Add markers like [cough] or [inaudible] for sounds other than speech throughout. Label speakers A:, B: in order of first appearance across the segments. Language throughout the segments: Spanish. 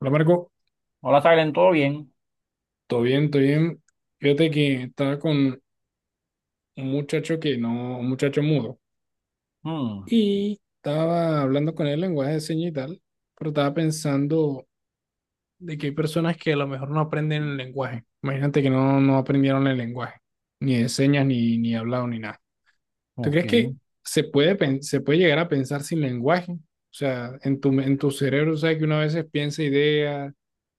A: Hola Marco,
B: Hola, Silen, ¿todo bien?
A: todo bien, todo bien. Fíjate que estaba con un muchacho que no, un muchacho mudo,
B: Hmm,
A: y estaba hablando con él en lenguaje de señas y tal, pero estaba pensando de que hay personas que a lo mejor no aprenden el lenguaje. Imagínate que no aprendieron el lenguaje, ni de señas, ni hablado, ni nada. ¿Tú
B: ok.
A: crees que se puede llegar a pensar sin lenguaje? O sea, en tu cerebro, sabes que uno a veces piensa ideas,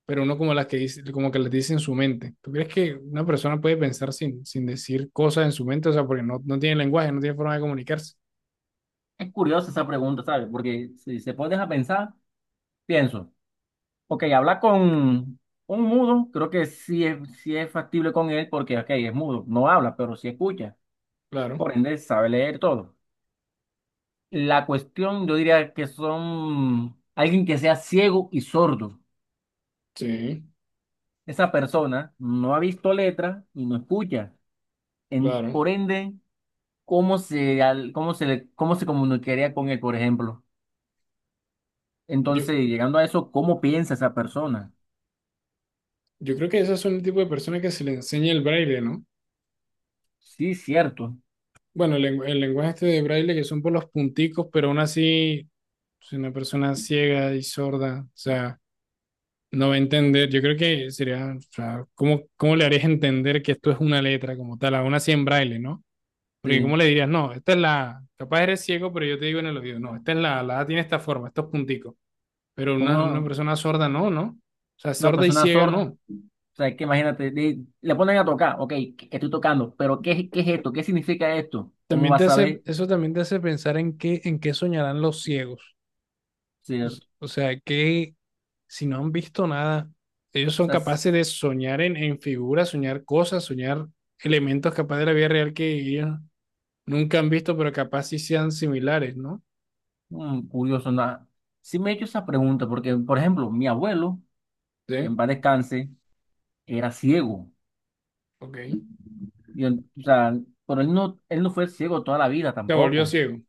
A: pero uno como las que dice, como que las dice en su mente. ¿Tú crees que una persona puede pensar sin decir cosas en su mente? O sea, porque no tiene lenguaje, no tiene forma de comunicarse.
B: Es curiosa esa pregunta, ¿sabes? Porque si se pones a pensar, pienso, ok, hablar con un mudo, creo que sí es factible con él porque, ok, es mudo, no habla, pero sí escucha,
A: Claro,
B: por ende sabe leer todo. La cuestión, yo diría que son alguien que sea ciego y sordo.
A: sí,
B: Esa persona no ha visto letra y no escucha. En,
A: claro.
B: por ende, ¿cómo se, al- cómo se, le- cómo se comunicaría con él, por ejemplo?
A: Yo,
B: Entonces, llegando a eso, ¿cómo piensa esa persona?
A: yo creo que esas son el tipo de personas que se le enseña el braille, ¿no?
B: Sí, cierto.
A: Bueno, el lenguaje este de braille que son por los punticos, pero aún así, es una persona ciega y sorda, o sea no va a entender. Yo creo que sería, o sea, ¿cómo le harías entender que esto es una letra como tal, aún así en braille? ¿No? Porque
B: Sí,
A: ¿cómo le dirías: "No, esta es la A"? Capaz eres ciego, pero yo te digo en el oído: "No, esta es la A tiene esta forma, estos punticos." Pero una
B: como
A: persona sorda no, ¿no? O sea,
B: una
A: sorda y
B: persona
A: ciega
B: sorda.
A: no.
B: O sea, que imagínate, le ponen a tocar, ok, que estoy tocando, pero ¿qué es esto? ¿Qué significa esto? ¿Cómo
A: También
B: vas
A: te
B: a
A: hace,
B: saber?
A: eso también te hace pensar en qué, soñarán los ciegos. O s-
B: Cierto.
A: o sea, que si no han visto nada, ellos
B: O
A: son
B: sea, es
A: capaces de soñar en figuras, soñar cosas, soñar elementos capaz de la vida real que ellos nunca han visto, pero capaz sí sean similares, ¿no?
B: curioso, nada. Sí me he hecho esa pregunta, porque, por ejemplo, mi abuelo, que en
A: Sí,
B: paz descanse, era ciego.
A: ok.
B: Y él, o sea, pero él no fue ciego toda la vida
A: Se volvió
B: tampoco.
A: ciego.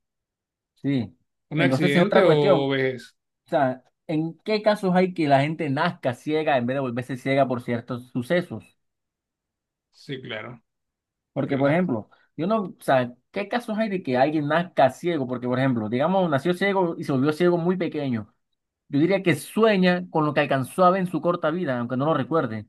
B: Sí.
A: ¿Un
B: Entonces es
A: accidente
B: otra cuestión.
A: o
B: O
A: vejez?
B: sea, ¿en qué casos hay que la gente nazca ciega en vez de volverse ciega por ciertos sucesos?
A: Sí, claro.
B: Porque, por
A: Cla-
B: ejemplo, yo no, o sea, ¿qué casos hay de que alguien nazca ciego? Porque, por ejemplo, digamos, nació ciego y se volvió ciego muy pequeño. Yo diría que sueña con lo que alcanzó a ver en su corta vida, aunque no lo recuerde. O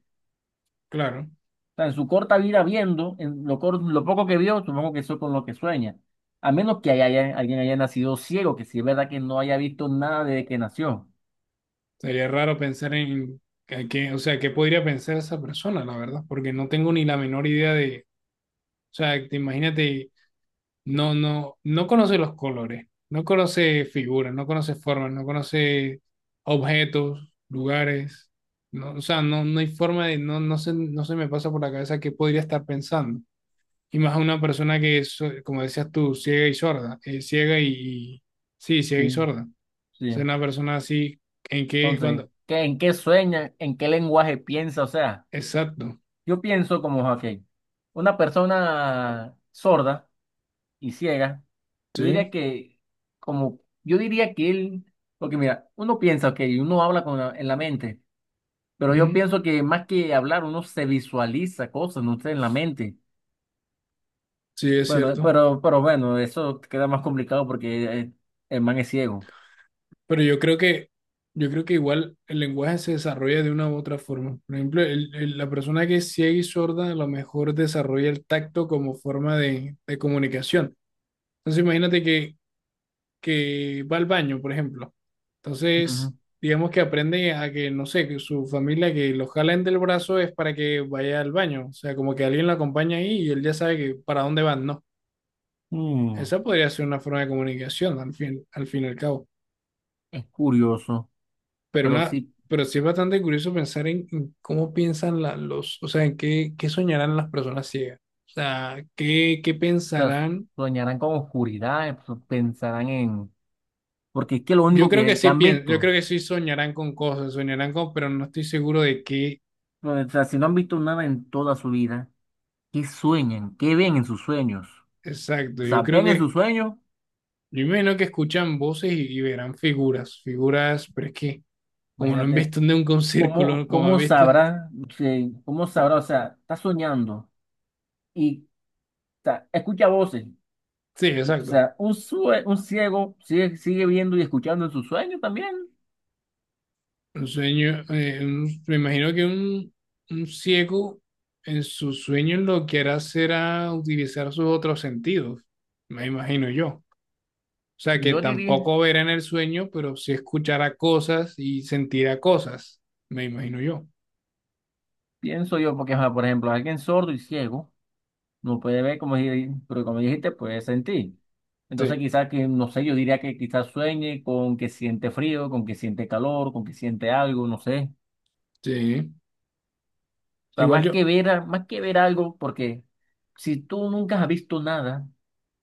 A: claro.
B: sea, en su corta vida viendo, en lo, cor- lo poco que vio, supongo que eso es con lo que sueña. A menos que alguien haya nacido ciego, que si es verdad que no haya visto nada desde que nació.
A: Sería raro pensar en que, o sea, qué podría pensar esa persona, la verdad, porque no tengo ni la menor idea de, o sea, te imagínate, no, no conoce los colores, no conoce figuras, no conoce formas, no conoce objetos, lugares. No, o sea, no, no hay forma de, no, no se me pasa por la cabeza qué podría estar pensando. Y más a una persona que es, como decías tú, ciega y sorda, ciega y, sí, ciega y
B: Sí,
A: sorda. O sea,
B: sí.
A: una persona así, ¿en qué?
B: Entonces,
A: Cuando,
B: ¿qué, en qué sueña? ¿En qué lenguaje piensa? O sea,
A: exacto,
B: yo pienso como, ok, una persona sorda y ciega, yo
A: sí,
B: diría que, como, yo diría que él, porque mira, uno piensa, ok, uno habla con en la mente, pero yo
A: ujú,
B: pienso que más que hablar, uno se visualiza cosas, no sé, en la mente.
A: sí, es
B: Bueno,
A: cierto.
B: pero bueno, eso queda más complicado porque el man es ciego.
A: Pero yo creo que, igual el lenguaje se desarrolla de una u otra forma. Por ejemplo, la persona que es ciega y sorda a lo mejor desarrolla el tacto como forma de comunicación. Entonces imagínate que va al baño, por ejemplo.
B: Ujú.
A: Entonces, digamos que aprende a que, no sé, que su familia que lo jalen del brazo es para que vaya al baño. O sea, como que alguien lo acompaña ahí y él ya sabe que para dónde van, ¿no?
B: Mm,
A: Esa podría ser una forma de comunicación al fin y al cabo.
B: es curioso,
A: Pero,
B: pero
A: una,
B: sí,
A: pero sí es bastante curioso pensar en, cómo piensan o sea, en qué, soñarán las personas ciegas. O sea, qué
B: o sea,
A: pensarán.
B: soñarán con oscuridad, pues, pensarán en... Porque es que lo
A: Yo
B: único
A: creo que
B: que
A: sí
B: han
A: piensan, yo
B: visto,
A: creo que sí soñarán con cosas, soñarán con, pero no estoy seguro de qué.
B: o sea, si no han visto nada en toda su vida, ¿qué sueñan? ¿Qué ven en sus sueños?
A: Exacto,
B: O sea, ven en sus sueños,
A: yo imagino que escuchan voces y verán figuras, pero es que como no han
B: imagínate,
A: visto nunca un [laughs]
B: ¿cómo,
A: círculo, como han
B: cómo
A: visto,
B: sabrá, sí, cómo sabrá, o sea, está soñando y, o sea, escucha voces.
A: sí,
B: O
A: exacto.
B: sea, un, sue- un ciego sigue, sigue viendo y escuchando en sus sueños también.
A: Un sueño, me imagino que un ciego en sus sueños lo que hará será utilizar sus otros sentidos, me imagino yo. O sea, que
B: Yo diría,
A: tampoco verá en el sueño, pero sí escuchará cosas y sentirá cosas, me imagino yo.
B: pienso yo, porque, ajá, por ejemplo, alguien sordo y ciego. No puede ver como, si- pero como dijiste, puede sentir. Entonces
A: Sí,
B: quizás que, no sé, yo diría que quizás sueñe con que siente frío, con que siente calor, con que siente algo, no sé.
A: sí.
B: O sea,
A: Igual
B: más
A: yo.
B: que ver, a- más que ver algo, porque si tú nunca has visto nada,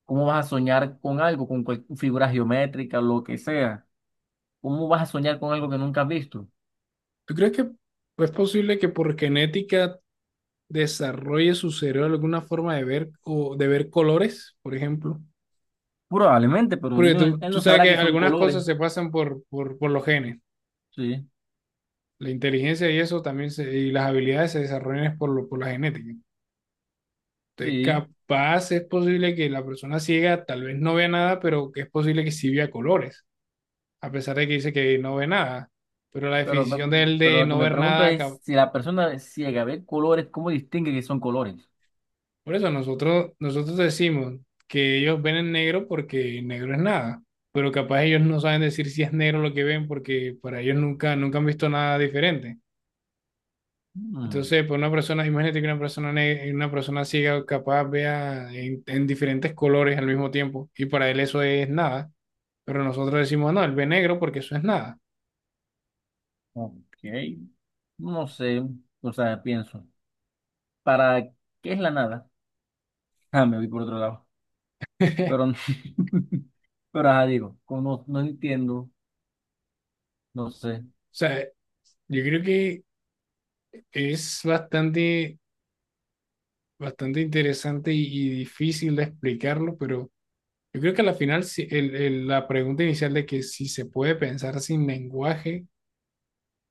B: ¿cómo vas a soñar con algo, con cual- figuras geométricas, lo que sea? ¿Cómo vas a soñar con algo que nunca has visto?
A: ¿Tú crees que es posible que por genética desarrolle su cerebro alguna forma de ver o de ver colores, por ejemplo?
B: Probablemente, pero él
A: Porque
B: no, él
A: tú
B: no
A: sabes
B: sabrá
A: que
B: que son
A: algunas
B: colores.
A: cosas se pasan por los genes.
B: Sí,
A: La inteligencia y eso también y las habilidades se desarrollan es por la genética. Entonces,
B: sí.
A: capaz es posible que la persona ciega tal vez no vea nada, pero que es posible que sí vea colores, a pesar de que dice que no ve nada. Pero la
B: Pero,
A: definición de
B: mm,
A: él
B: pero
A: de
B: lo que
A: no
B: me
A: ver
B: pregunto
A: nada.
B: es si la persona es ciega ve colores, ¿cómo distingue que son colores?
A: Por eso nosotros, decimos que ellos ven en negro porque negro es nada, pero capaz ellos no saben decir si es negro lo que ven porque para ellos nunca, han visto nada diferente.
B: Mm,
A: Entonces, pues una persona, imagínate que una persona, una persona ciega capaz vea en diferentes colores al mismo tiempo y para él eso es nada, pero nosotros decimos: "No, él ve negro porque eso es nada."
B: ok. No sé, o sea, pienso. ¿Para qué es la nada? [laughs] Ah, me voy por otro lado. Pero,
A: [laughs]
B: [laughs] pero ajá, digo, como no entiendo, no sé.
A: O sea, yo creo que es bastante, bastante interesante y difícil de explicarlo, pero... Yo creo que a la final la pregunta inicial de que si se puede pensar sin lenguaje,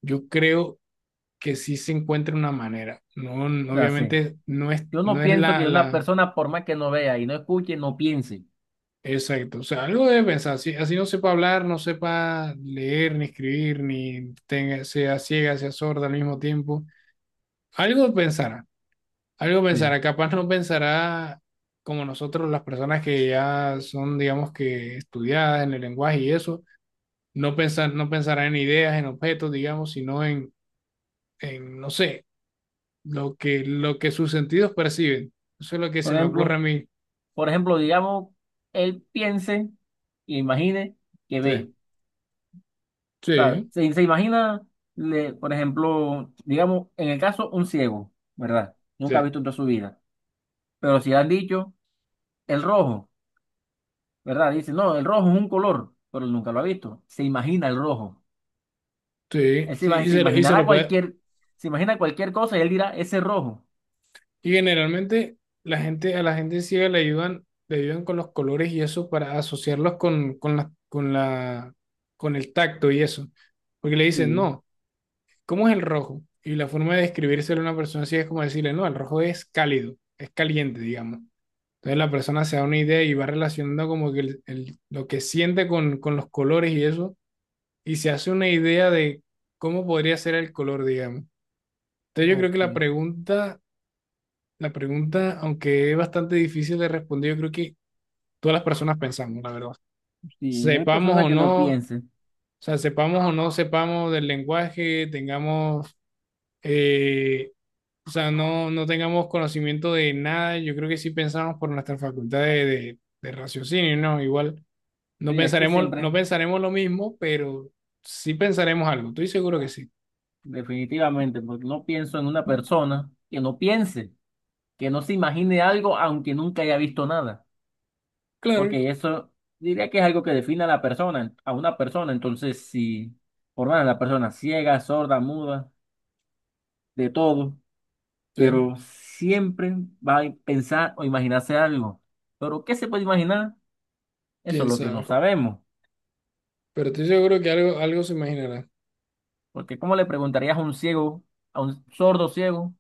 A: yo creo que sí se encuentra una manera. No,
B: O sea, sí.
A: obviamente no es,
B: Yo no
A: no es
B: pienso
A: la,
B: que una
A: la...
B: persona, por más que no vea y no escuche, no piense.
A: Exacto, o sea, algo debe pensar. Si así no sepa hablar, no sepa leer, ni escribir, ni tenga, sea ciega, sea sorda al mismo tiempo, algo pensará, algo
B: Sí.
A: pensará. Capaz no pensará como nosotros, las personas que ya son, digamos que, estudiadas en el lenguaje y eso. No pensará en ideas, en objetos, digamos, sino en, no sé, lo que sus sentidos perciben. Eso es lo que se
B: Por
A: me ocurre a
B: ejemplo,
A: mí.
B: por ejemplo, digamos, él piense y imagine que ve.
A: Sí,
B: O sea,
A: sí,
B: se imagina, le- por ejemplo, digamos, en el caso, un ciego, ¿verdad? Nunca ha
A: sí,
B: visto en toda su vida. Pero si le han dicho el rojo, ¿verdad? Dice, no, el rojo es un color, pero él nunca lo ha visto. Se imagina el rojo.
A: sí,
B: Él se,
A: sí,
B: ima-
A: y
B: se
A: se lo, y se
B: imaginará
A: lo puede.
B: cualquier, se imagina cualquier cosa y él dirá, ese rojo.
A: Y generalmente a la gente ciega le ayudan con los colores y eso para asociarlos con el tacto y eso. Porque le dicen:
B: Sí,
A: "No, ¿cómo es el rojo?" Y la forma de describírselo a una persona ciega es como decirle: "No, el rojo es cálido, es caliente", digamos. Entonces la persona se da una idea y va relacionando como que lo que siente con los colores y eso, y se hace una idea de cómo podría ser el color, digamos. Entonces yo creo que la
B: ok.
A: pregunta, la pregunta, aunque es bastante difícil de responder, yo creo que todas las personas pensamos, la verdad.
B: Sí, no hay persona
A: Sepamos o
B: que no
A: no, o
B: piense.
A: sea, sepamos o no sepamos del lenguaje, tengamos, eh, o sea, no tengamos conocimiento de nada, yo creo que sí pensamos por nuestra facultad de raciocinio, ¿no? Igual. No
B: Sí, es que
A: pensaremos, no
B: siempre,
A: pensaremos lo mismo, pero sí pensaremos algo. Estoy seguro que sí.
B: definitivamente, porque no pienso en una persona que no piense, que no se imagine algo aunque nunca haya visto nada.
A: Claro,
B: Porque eso diría que es algo que define a la persona, a una persona. Entonces, si por más la persona ciega, sorda, muda, de todo,
A: sí,
B: pero siempre va a pensar o imaginarse algo. Pero, ¿qué se puede imaginar? Eso
A: quién
B: es lo que no
A: sabe.
B: sabemos.
A: Pero estoy seguro que algo se imaginará.
B: Porque, ¿cómo le preguntarías a un ciego, a un sordo ciego,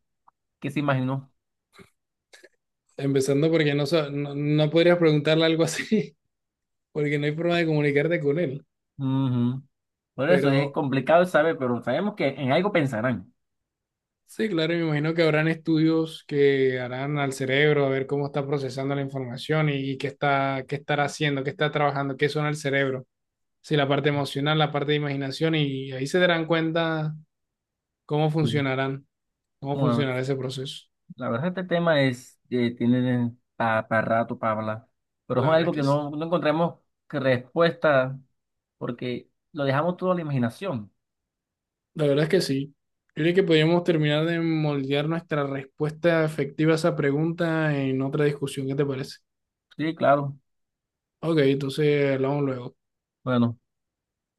B: qué se imaginó?
A: Empezando porque no, no podrías preguntarle algo así, [laughs] porque no hay forma de comunicarte con él.
B: Ujú. Por eso es
A: Pero
B: complicado de saber, pero sabemos que en algo pensarán.
A: sí, claro, me imagino que habrán estudios que harán al cerebro, a ver cómo está procesando la información y qué está, qué estará haciendo, qué está trabajando, qué suena el cerebro. Sí, la parte emocional, la parte de imaginación, y ahí se darán cuenta cómo
B: Sí.
A: funcionarán, cómo
B: Bueno,
A: funcionará ese proceso.
B: la verdad, este tema es, tiene para rato para hablar, pero es
A: La verdad es
B: algo
A: que,
B: que
A: s-
B: no encontramos que respuesta porque lo dejamos todo a la imaginación.
A: la verdad es que sí. Yo creo que podríamos terminar de moldear nuestra respuesta efectiva a esa pregunta en otra discusión. ¿Qué te parece?
B: Sí, claro.
A: Ok, entonces hablamos luego.
B: Bueno.